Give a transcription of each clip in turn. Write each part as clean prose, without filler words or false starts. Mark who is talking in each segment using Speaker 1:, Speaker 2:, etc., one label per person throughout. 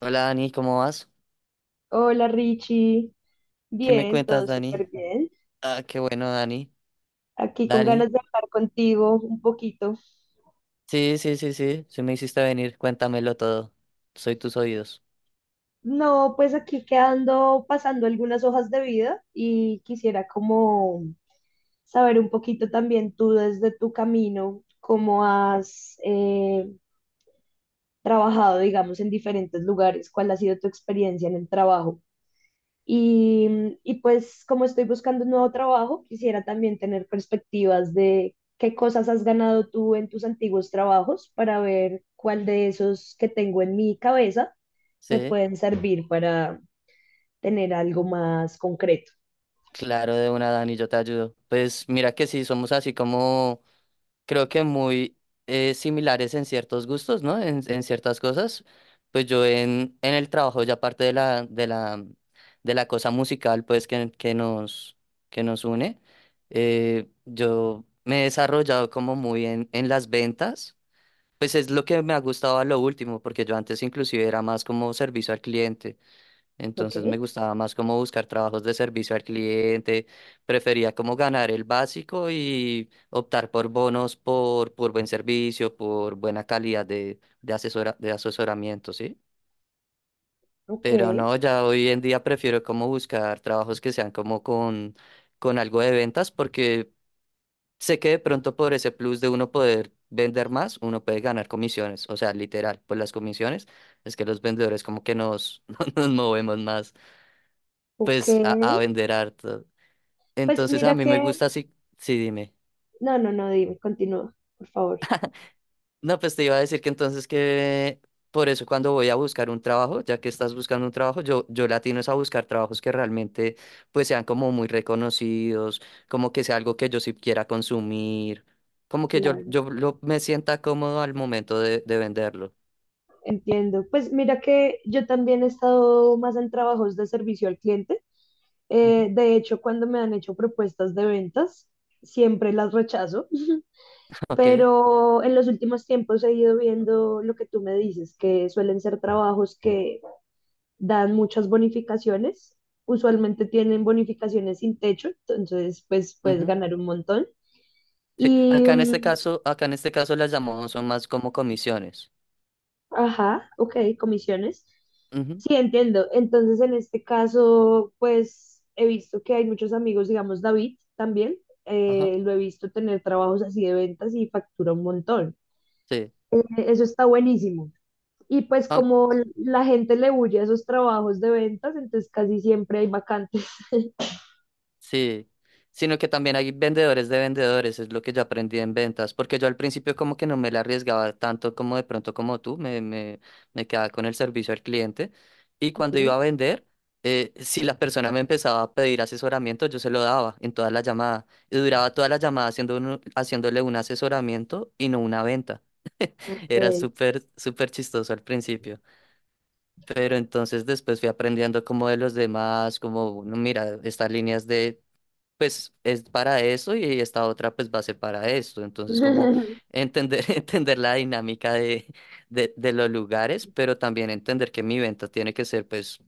Speaker 1: Hola Dani, ¿cómo vas?
Speaker 2: Hola Richie,
Speaker 1: ¿Qué me
Speaker 2: bien,
Speaker 1: cuentas,
Speaker 2: todo
Speaker 1: Dani?
Speaker 2: súper bien.
Speaker 1: Ah, qué bueno, Dani.
Speaker 2: Aquí con
Speaker 1: Dani.
Speaker 2: ganas de hablar contigo un poquito.
Speaker 1: Sí, sí, sí, sí. Sí me hiciste venir, cuéntamelo todo. Soy tus oídos.
Speaker 2: No, pues aquí quedando pasando algunas hojas de vida y quisiera como saber un poquito también tú desde tu camino, cómo has trabajado, digamos, en diferentes lugares, cuál ha sido tu experiencia en el trabajo. Y, y pues como estoy buscando un nuevo trabajo, quisiera también tener perspectivas de qué cosas has ganado tú en tus antiguos trabajos para ver cuál de esos que tengo en mi cabeza me
Speaker 1: Sí,
Speaker 2: pueden servir para tener algo más concreto.
Speaker 1: claro, de una, Dani, yo te ayudo. Pues mira que sí, somos así como creo que muy similares en ciertos gustos, ¿no? En ciertas cosas. Pues yo en el trabajo, ya aparte de la cosa musical, pues que nos une, yo me he desarrollado como muy en las ventas. Pues es lo que me ha gustado a lo último, porque yo antes inclusive era más como servicio al cliente.
Speaker 2: Ok,
Speaker 1: Entonces me gustaba más como buscar trabajos de servicio al cliente, prefería como ganar el básico y optar por bonos por buen servicio, por buena calidad de asesoramiento, ¿sí?
Speaker 2: ok,
Speaker 1: Pero no, ya hoy en día prefiero como buscar trabajos que sean como con algo de ventas, porque sé que de pronto por ese plus de uno poder vender más, uno puede ganar comisiones, o sea, literal, por las comisiones es que los vendedores como que nos, nos movemos más.
Speaker 2: ok.
Speaker 1: Pues a vender harto.
Speaker 2: Pues
Speaker 1: Entonces a
Speaker 2: mira
Speaker 1: mí me
Speaker 2: que.
Speaker 1: gusta así, sí, dime.
Speaker 2: No, no, no, dime, continúa, por favor.
Speaker 1: No, pues te iba a decir que entonces que por eso cuando voy a buscar un trabajo, ya que estás buscando un trabajo, yo latino es a buscar trabajos que realmente pues sean como muy reconocidos, como que sea algo que yo sí quiera consumir, como que yo,
Speaker 2: Claro.
Speaker 1: yo lo- me sienta cómodo al momento de venderlo.
Speaker 2: Entiendo. Pues mira que yo también he estado más en trabajos de servicio al cliente.
Speaker 1: Ujú.
Speaker 2: De hecho, cuando me han hecho propuestas de ventas, siempre las rechazo.
Speaker 1: Ok.
Speaker 2: Pero en los últimos tiempos he ido viendo lo que tú me dices, que suelen ser trabajos que dan muchas bonificaciones. Usualmente tienen bonificaciones sin techo, entonces pues puedes
Speaker 1: Ujú.
Speaker 2: ganar un montón.
Speaker 1: Sí.
Speaker 2: Y
Speaker 1: Acá en este
Speaker 2: mm,
Speaker 1: caso, acá en este caso las llamamos son más como comisiones.
Speaker 2: Ajá, ok, comisiones.
Speaker 1: Ujú.
Speaker 2: Sí, entiendo. Entonces, en este caso, pues he visto que hay muchos amigos, digamos, David también,
Speaker 1: Ajá.
Speaker 2: lo he visto tener trabajos así de ventas y factura un montón.
Speaker 1: Sí.
Speaker 2: Eso está buenísimo. Y pues
Speaker 1: Ok.
Speaker 2: como la gente le huye a esos trabajos de ventas, entonces casi siempre hay vacantes.
Speaker 1: Sí, sino que también hay vendedores de vendedores, es lo que yo aprendí en ventas, porque yo al principio como que no me la arriesgaba tanto como de pronto como tú, me quedaba con el servicio al cliente y cuando
Speaker 2: Ujú,
Speaker 1: iba a vender, si la persona me empezaba a pedir asesoramiento, yo se lo daba en toda la llamada y duraba toda la llamada haciéndole un asesoramiento y no una venta.
Speaker 2: ok.
Speaker 1: Era súper, súper chistoso al principio. Pero entonces después fui aprendiendo como de los demás, como, no, mira, estas líneas de pues es para eso y esta otra pues va a ser para esto. Entonces, como entender, entender la dinámica de los lugares, pero también entender que mi venta tiene que ser pues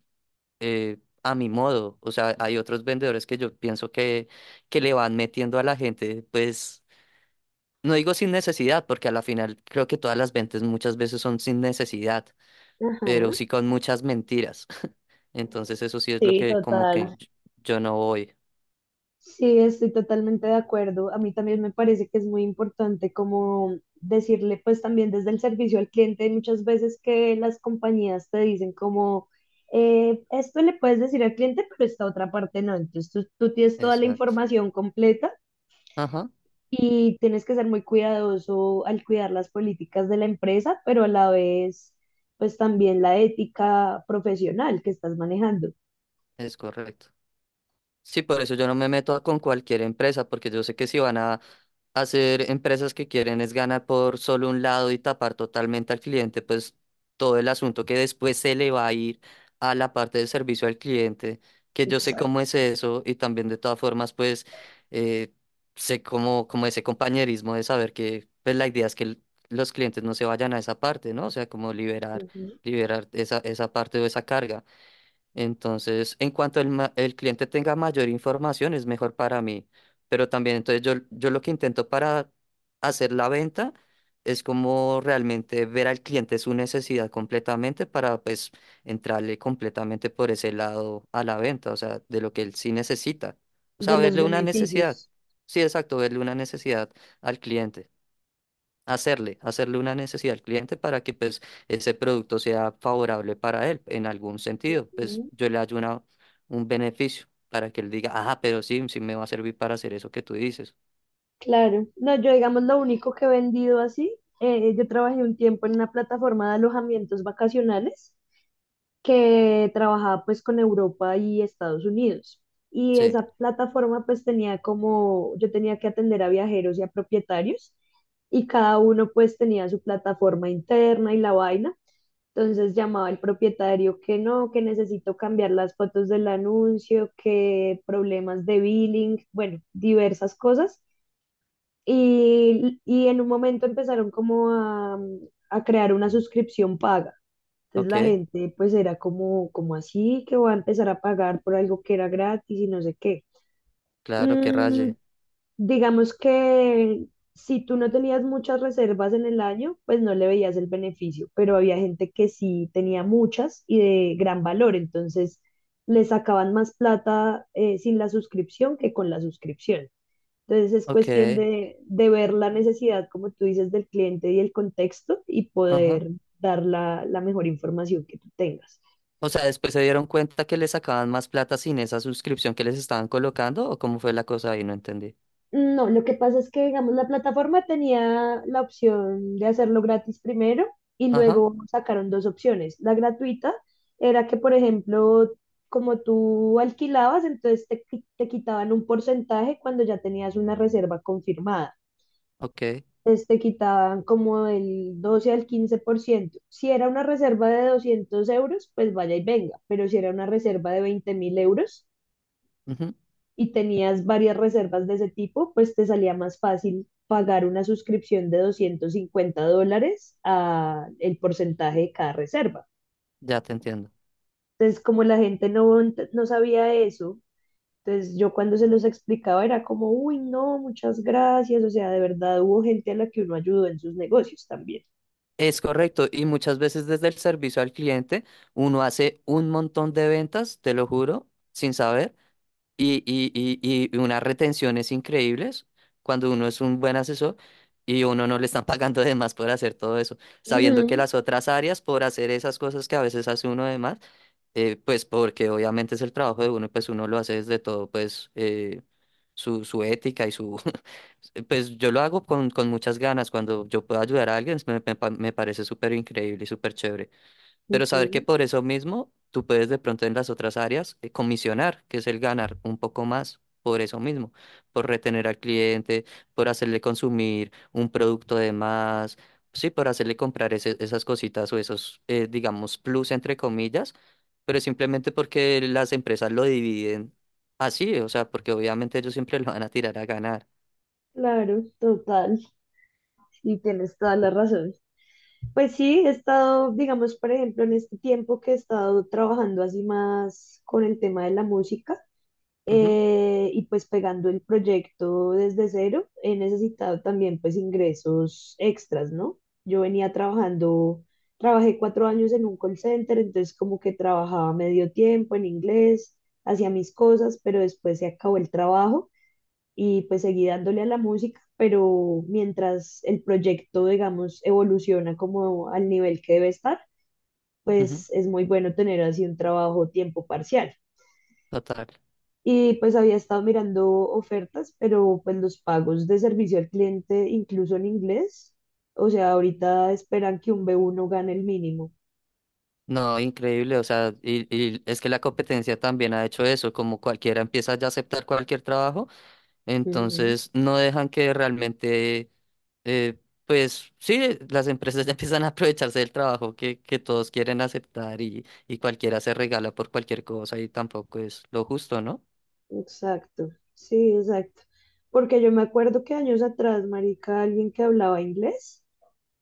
Speaker 1: eh, a mi modo. O sea, hay otros vendedores que yo pienso que le van metiendo a la gente, pues no digo sin necesidad, porque a la final creo que todas las ventas muchas veces son sin necesidad,
Speaker 2: Ajá.
Speaker 1: pero sí con muchas mentiras. Entonces, eso sí es lo
Speaker 2: Sí,
Speaker 1: que como que
Speaker 2: total.
Speaker 1: yo no voy.
Speaker 2: Sí, estoy totalmente de acuerdo. A mí también me parece que es muy importante como decirle, pues también desde el servicio al cliente, hay muchas veces que las compañías te dicen como, esto le puedes decir al cliente, pero esta otra parte no. Entonces tú tienes toda la
Speaker 1: Exacto.
Speaker 2: información completa
Speaker 1: Ajá,
Speaker 2: y tienes que ser muy cuidadoso al cuidar las políticas de la empresa, pero a la vez, pues también la ética profesional que estás manejando.
Speaker 1: es correcto. Sí, por eso yo no me meto con cualquier empresa, porque yo sé que si van a hacer empresas que quieren es ganar por solo un lado y tapar totalmente al cliente, pues todo el asunto que después se le va a ir a la parte de servicio al cliente, que yo sé cómo
Speaker 2: Exacto.
Speaker 1: es eso y también de todas formas, pues eh, sé cómo, como ese compañerismo de saber que pues la idea es que los clientes no se vayan a esa parte, ¿no? O sea, como liberar,
Speaker 2: Ujú.
Speaker 1: liberar esa parte o esa carga. Entonces, en cuanto el cliente tenga mayor información, es mejor para mí. Pero también, entonces, yo lo que intento para hacer la venta es como realmente ver al cliente su necesidad completamente para, pues, entrarle completamente por ese lado a la venta, o sea, de lo que él sí necesita. O
Speaker 2: De
Speaker 1: sea,
Speaker 2: los
Speaker 1: verle una necesidad.
Speaker 2: beneficios.
Speaker 1: Sí, exacto, verle una necesidad al cliente, hacerle una necesidad al cliente para que pues ese producto sea favorable para él en algún sentido. Pues yo le hallo un beneficio para que él diga, ah, pero sí, sí me va a servir para hacer eso que tú dices.
Speaker 2: Claro, no, yo digamos lo único que he vendido así, yo trabajé un tiempo en una plataforma de alojamientos vacacionales que trabajaba pues con Europa y Estados Unidos. Y
Speaker 1: Sí,
Speaker 2: esa plataforma pues tenía como, yo tenía que atender a viajeros y a propietarios y cada uno pues tenía su plataforma interna y la vaina. Entonces llamaba el propietario que no, que necesito cambiar las fotos del anuncio, que problemas de billing, bueno, diversas cosas. Y en un momento empezaron como a crear una suscripción paga. Entonces
Speaker 1: ok,
Speaker 2: la gente pues era como, como así que va a empezar a pagar por algo que era gratis y no sé qué.
Speaker 1: claro, que
Speaker 2: Mm,
Speaker 1: raye.
Speaker 2: digamos que si tú no tenías muchas reservas en el año, pues no le veías el beneficio, pero había gente que sí tenía muchas y de gran valor, entonces le sacaban más plata sin la suscripción que con la suscripción. Entonces es
Speaker 1: Ok,
Speaker 2: cuestión de ver la necesidad, como tú dices, del cliente y el contexto y
Speaker 1: ajá.
Speaker 2: poder dar la mejor información que tú tengas.
Speaker 1: O sea, después se dieron cuenta que le sacaban más plata sin esa suscripción que les estaban colocando o cómo fue la cosa ahí, no entendí.
Speaker 2: No, lo que pasa es que, digamos, la plataforma tenía la opción de hacerlo gratis primero y
Speaker 1: Ajá,
Speaker 2: luego sacaron dos opciones. La gratuita era que, por ejemplo, como tú alquilabas, entonces te quitaban un porcentaje cuando ya tenías una reserva confirmada.
Speaker 1: ok,
Speaker 2: Este, quitaban como el 12 al 15%. Si era una reserva de 200 euros, pues vaya y venga, pero si era una reserva de 20.000 euros
Speaker 1: ujú,
Speaker 2: y tenías varias reservas de ese tipo, pues te salía más fácil pagar una suscripción de 250 dólares a el porcentaje de cada reserva.
Speaker 1: ya te entiendo.
Speaker 2: Entonces, como la gente no, no sabía eso, entonces yo cuando se los explicaba era como, uy, no, muchas gracias, o sea, de verdad hubo gente a la que uno ayudó en sus negocios también.
Speaker 1: Es correcto, y muchas veces desde el servicio al cliente uno hace un montón de ventas, te lo juro, sin saber, y unas retenciones increíbles cuando uno es un buen asesor y uno no le están pagando de más por hacer todo eso, sabiendo que
Speaker 2: Ujú.
Speaker 1: las otras áreas por hacer esas cosas que a veces hace uno de más, pues porque obviamente es el trabajo de uno, y pues uno lo hace desde todo, pues su ética y su... Pues yo lo hago con muchas ganas. Cuando yo puedo ayudar a alguien, me parece súper increíble y súper chévere, pero saber que
Speaker 2: Ujú,
Speaker 1: por eso mismo tú puedes de pronto en las otras áreas comisionar, que es el ganar un poco más por eso mismo, por retener al cliente, por hacerle consumir un producto de más, sí, por hacerle comprar esas cositas o esos, digamos, plus entre comillas, pero simplemente porque las empresas lo dividen así, o sea, porque obviamente ellos siempre lo van a tirar a ganar.
Speaker 2: claro, total, y tienes toda la razón. Pues sí, he estado, digamos, por ejemplo, en este tiempo que he estado trabajando así más con el tema de la música
Speaker 1: Ujú,
Speaker 2: y pues pegando el proyecto desde cero, he necesitado también pues ingresos extras, ¿no? Yo venía trabajando, trabajé 4 años en un call center, entonces como que trabajaba medio tiempo en inglés, hacía mis cosas, pero después se acabó el trabajo. Y pues seguí dándole a la música, pero mientras el proyecto, digamos, evoluciona como al nivel que debe estar,
Speaker 1: ujú,
Speaker 2: pues es muy bueno tener así un trabajo tiempo parcial.
Speaker 1: total.
Speaker 2: Y pues había estado mirando ofertas, pero pues los pagos de servicio al cliente, incluso en inglés, o sea, ahorita esperan que un B1 gane el mínimo.
Speaker 1: No, increíble, o sea, y es que la competencia también ha hecho eso, como cualquiera empieza ya a aceptar cualquier trabajo,
Speaker 2: Ujú.
Speaker 1: entonces no dejan que realmente, eh, pues sí, las empresas ya empiezan a aprovecharse del trabajo que todos quieren aceptar y cualquiera se regala por cualquier cosa y tampoco es lo justo, ¿no?
Speaker 2: Exacto, sí, exacto. Porque yo me acuerdo que años atrás, marica, alguien que hablaba inglés,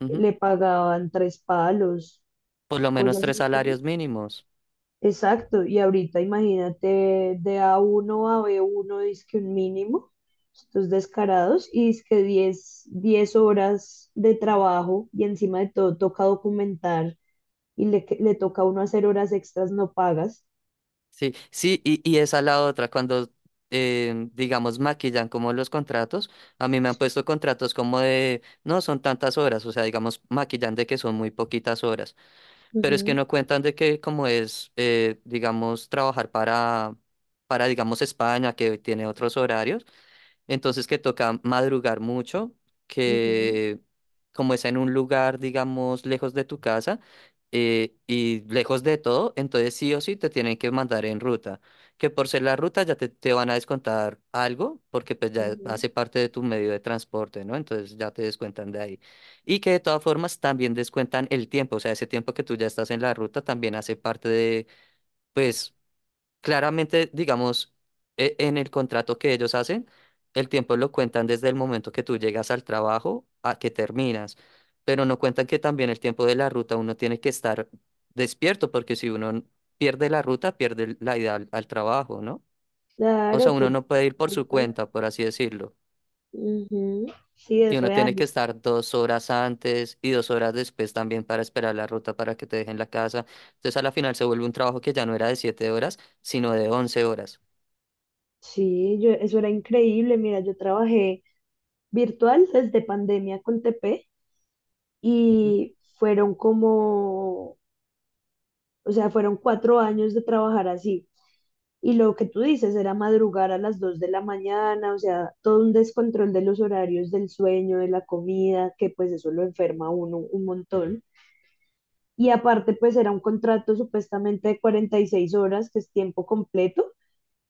Speaker 1: Ujú.
Speaker 2: le pagaban tres palos
Speaker 1: Por lo menos
Speaker 2: cosas
Speaker 1: tres
Speaker 2: así.
Speaker 1: salarios mínimos.
Speaker 2: Exacto, y ahorita imagínate de A1 a uno a b 1 que un mínimo, estos descarados, y dizque diez horas de trabajo, y encima de todo toca documentar, y le toca a uno hacer horas extras no pagas.
Speaker 1: Sí, sí, y esa la otra, cuando digamos, maquillan como los contratos, a mí me han puesto contratos como de, no, son tantas horas, o sea, digamos, maquillan de que son muy poquitas horas, pero es que
Speaker 2: Ujú,
Speaker 1: no cuentan de que como es, digamos, trabajar para, digamos, España, que tiene otros horarios, entonces que toca madrugar mucho,
Speaker 2: ujú,
Speaker 1: que como es en un lugar, digamos, lejos de tu casa, y lejos de todo, entonces sí o sí te tienen que mandar en ruta. Que por ser la ruta ya te van a descontar algo, porque pues ya
Speaker 2: ujú,
Speaker 1: hace parte de tu medio de transporte, ¿no? Entonces ya te descuentan de ahí. Y que de todas formas también descuentan el tiempo, o sea, ese tiempo que tú ya estás en la ruta también hace parte de, pues, claramente, digamos, en el contrato que ellos hacen, el tiempo lo cuentan desde el momento que tú llegas al trabajo a que terminas, pero no cuentan que también el tiempo de la ruta uno tiene que estar despierto, porque si uno pierde la ruta, pierde la ida al trabajo, ¿no? O sea,
Speaker 2: claro,
Speaker 1: uno no puede ir por
Speaker 2: tal
Speaker 1: su
Speaker 2: cual.
Speaker 1: cuenta, por así decirlo.
Speaker 2: Ujú. Sí,
Speaker 1: Y
Speaker 2: es
Speaker 1: uno tiene
Speaker 2: real.
Speaker 1: que estar 2 horas antes y 2 horas después también para esperar la ruta para que te dejen la casa. Entonces, a la final se vuelve un trabajo que ya no era de 7 horas, sino de 11 horas.
Speaker 2: Sí, yo, eso era increíble. Mira, yo trabajé virtual desde pandemia con TP
Speaker 1: Ujú,
Speaker 2: y fueron como, o sea, fueron 4 años de trabajar así. Y lo que tú dices era madrugar a las 2 de la mañana, o sea, todo un descontrol de los horarios del sueño, de la comida, que pues eso lo enferma a uno un montón. Y aparte, pues era un contrato supuestamente de 46 horas, que es tiempo completo,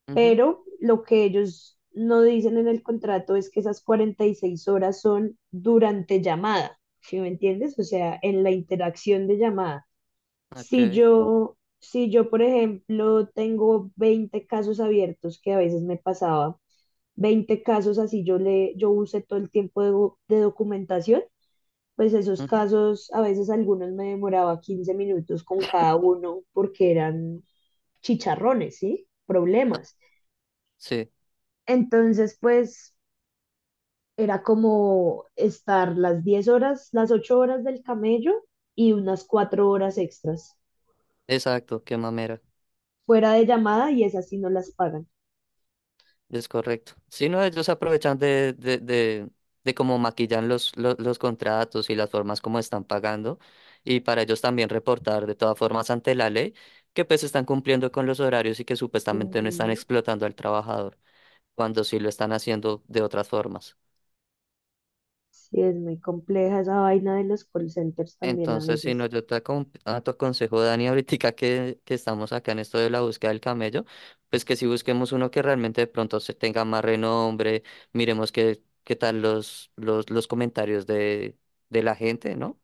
Speaker 1: ujú.
Speaker 2: pero lo que ellos no dicen en el contrato es que esas 46 horas son durante llamada, ¿sí me entiendes? O sea, en la interacción de llamada. Si
Speaker 1: Ok.
Speaker 2: yo, si yo, por ejemplo, tengo 20 casos abiertos, que a veces me pasaba, 20 casos así yo usé todo el tiempo de documentación, pues esos
Speaker 1: Ujú.
Speaker 2: casos, a veces algunos me demoraba 15 minutos con cada uno porque eran chicharrones, ¿sí?
Speaker 1: Ah,
Speaker 2: Problemas.
Speaker 1: sí,
Speaker 2: Entonces, pues era como estar las 10 horas, las 8 horas del camello y unas 4 horas extras
Speaker 1: exacto, qué mamera.
Speaker 2: fuera de llamada y esas sí no las pagan.
Speaker 1: Es correcto. Si no, ellos aprovechan de cómo maquillan los contratos y las formas como están pagando. Y para ellos también reportar de todas formas ante la ley que pues están cumpliendo con los horarios y que supuestamente no están
Speaker 2: Ujú.
Speaker 1: explotando al trabajador, cuando sí lo están haciendo de otras formas.
Speaker 2: Sí, es muy compleja esa vaina de los call centers también a
Speaker 1: Entonces, si no,
Speaker 2: veces.
Speaker 1: yo a tu consejo, Dani, ahorita que estamos acá en esto de la búsqueda del camello, pues que si busquemos uno que realmente de pronto se tenga más renombre, miremos qué, qué tal los comentarios de la gente, ¿no?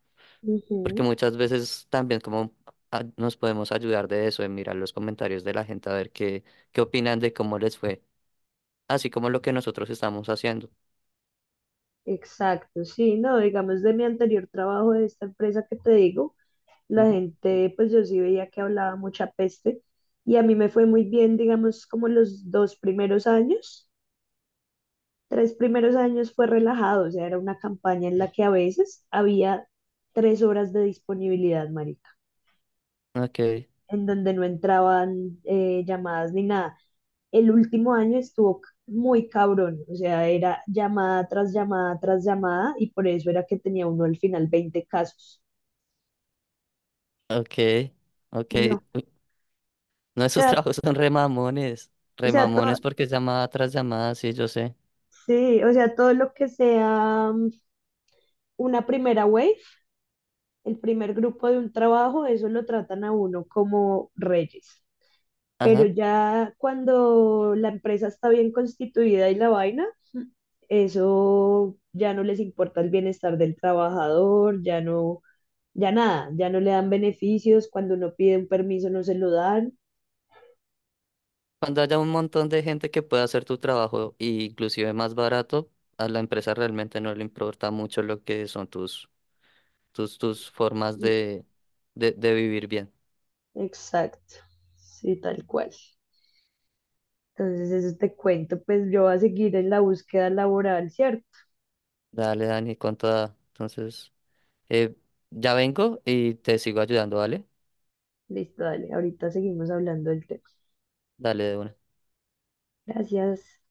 Speaker 1: Porque
Speaker 2: Ujú,
Speaker 1: muchas veces también como nos podemos ayudar de eso, de mirar los comentarios de la gente, a ver qué opinan de cómo les fue, así como lo que nosotros estamos haciendo.
Speaker 2: exacto, sí, no, digamos de mi anterior trabajo de esta empresa que te digo, la
Speaker 1: Ujú.
Speaker 2: gente, pues yo sí veía que hablaba mucha peste y a mí me fue muy bien, digamos, como los dos primeros años, tres primeros años fue relajado, o sea, era una campaña en la que a veces había 3 horas de disponibilidad, marica,
Speaker 1: Ok,
Speaker 2: en donde no entraban llamadas ni nada. El último año estuvo muy cabrón, o sea, era llamada tras llamada tras llamada y por eso era que tenía uno al final 20 casos.
Speaker 1: ok, ok.
Speaker 2: No,
Speaker 1: No, esos
Speaker 2: sea,
Speaker 1: trabajos son remamones.
Speaker 2: o sea, todo,
Speaker 1: Remamones porque es llamada tras llamada, sí, yo sé.
Speaker 2: sí, o sea, todo lo que sea una primera wave, el primer grupo de un trabajo, eso lo tratan a uno como reyes. Pero
Speaker 1: Ajá.
Speaker 2: ya cuando la empresa está bien constituida y la vaina, eso ya no les importa el bienestar del trabajador, ya no, ya nada, ya no le dan beneficios, cuando uno pide un permiso no se lo dan.
Speaker 1: Cuando haya un montón de gente que pueda hacer tu trabajo, e inclusive más barato, a la empresa realmente no le importa mucho lo que son tus, tus formas de vivir bien.
Speaker 2: Exacto, sí, tal cual. Entonces, eso te cuento, pues yo voy a seguir en la búsqueda laboral, ¿cierto?
Speaker 1: Dale, Dani, con toda. Entonces, eh, ya vengo y te sigo ayudando, ¿vale?
Speaker 2: Listo, dale, ahorita seguimos hablando del tema.
Speaker 1: Dale de una.
Speaker 2: Gracias.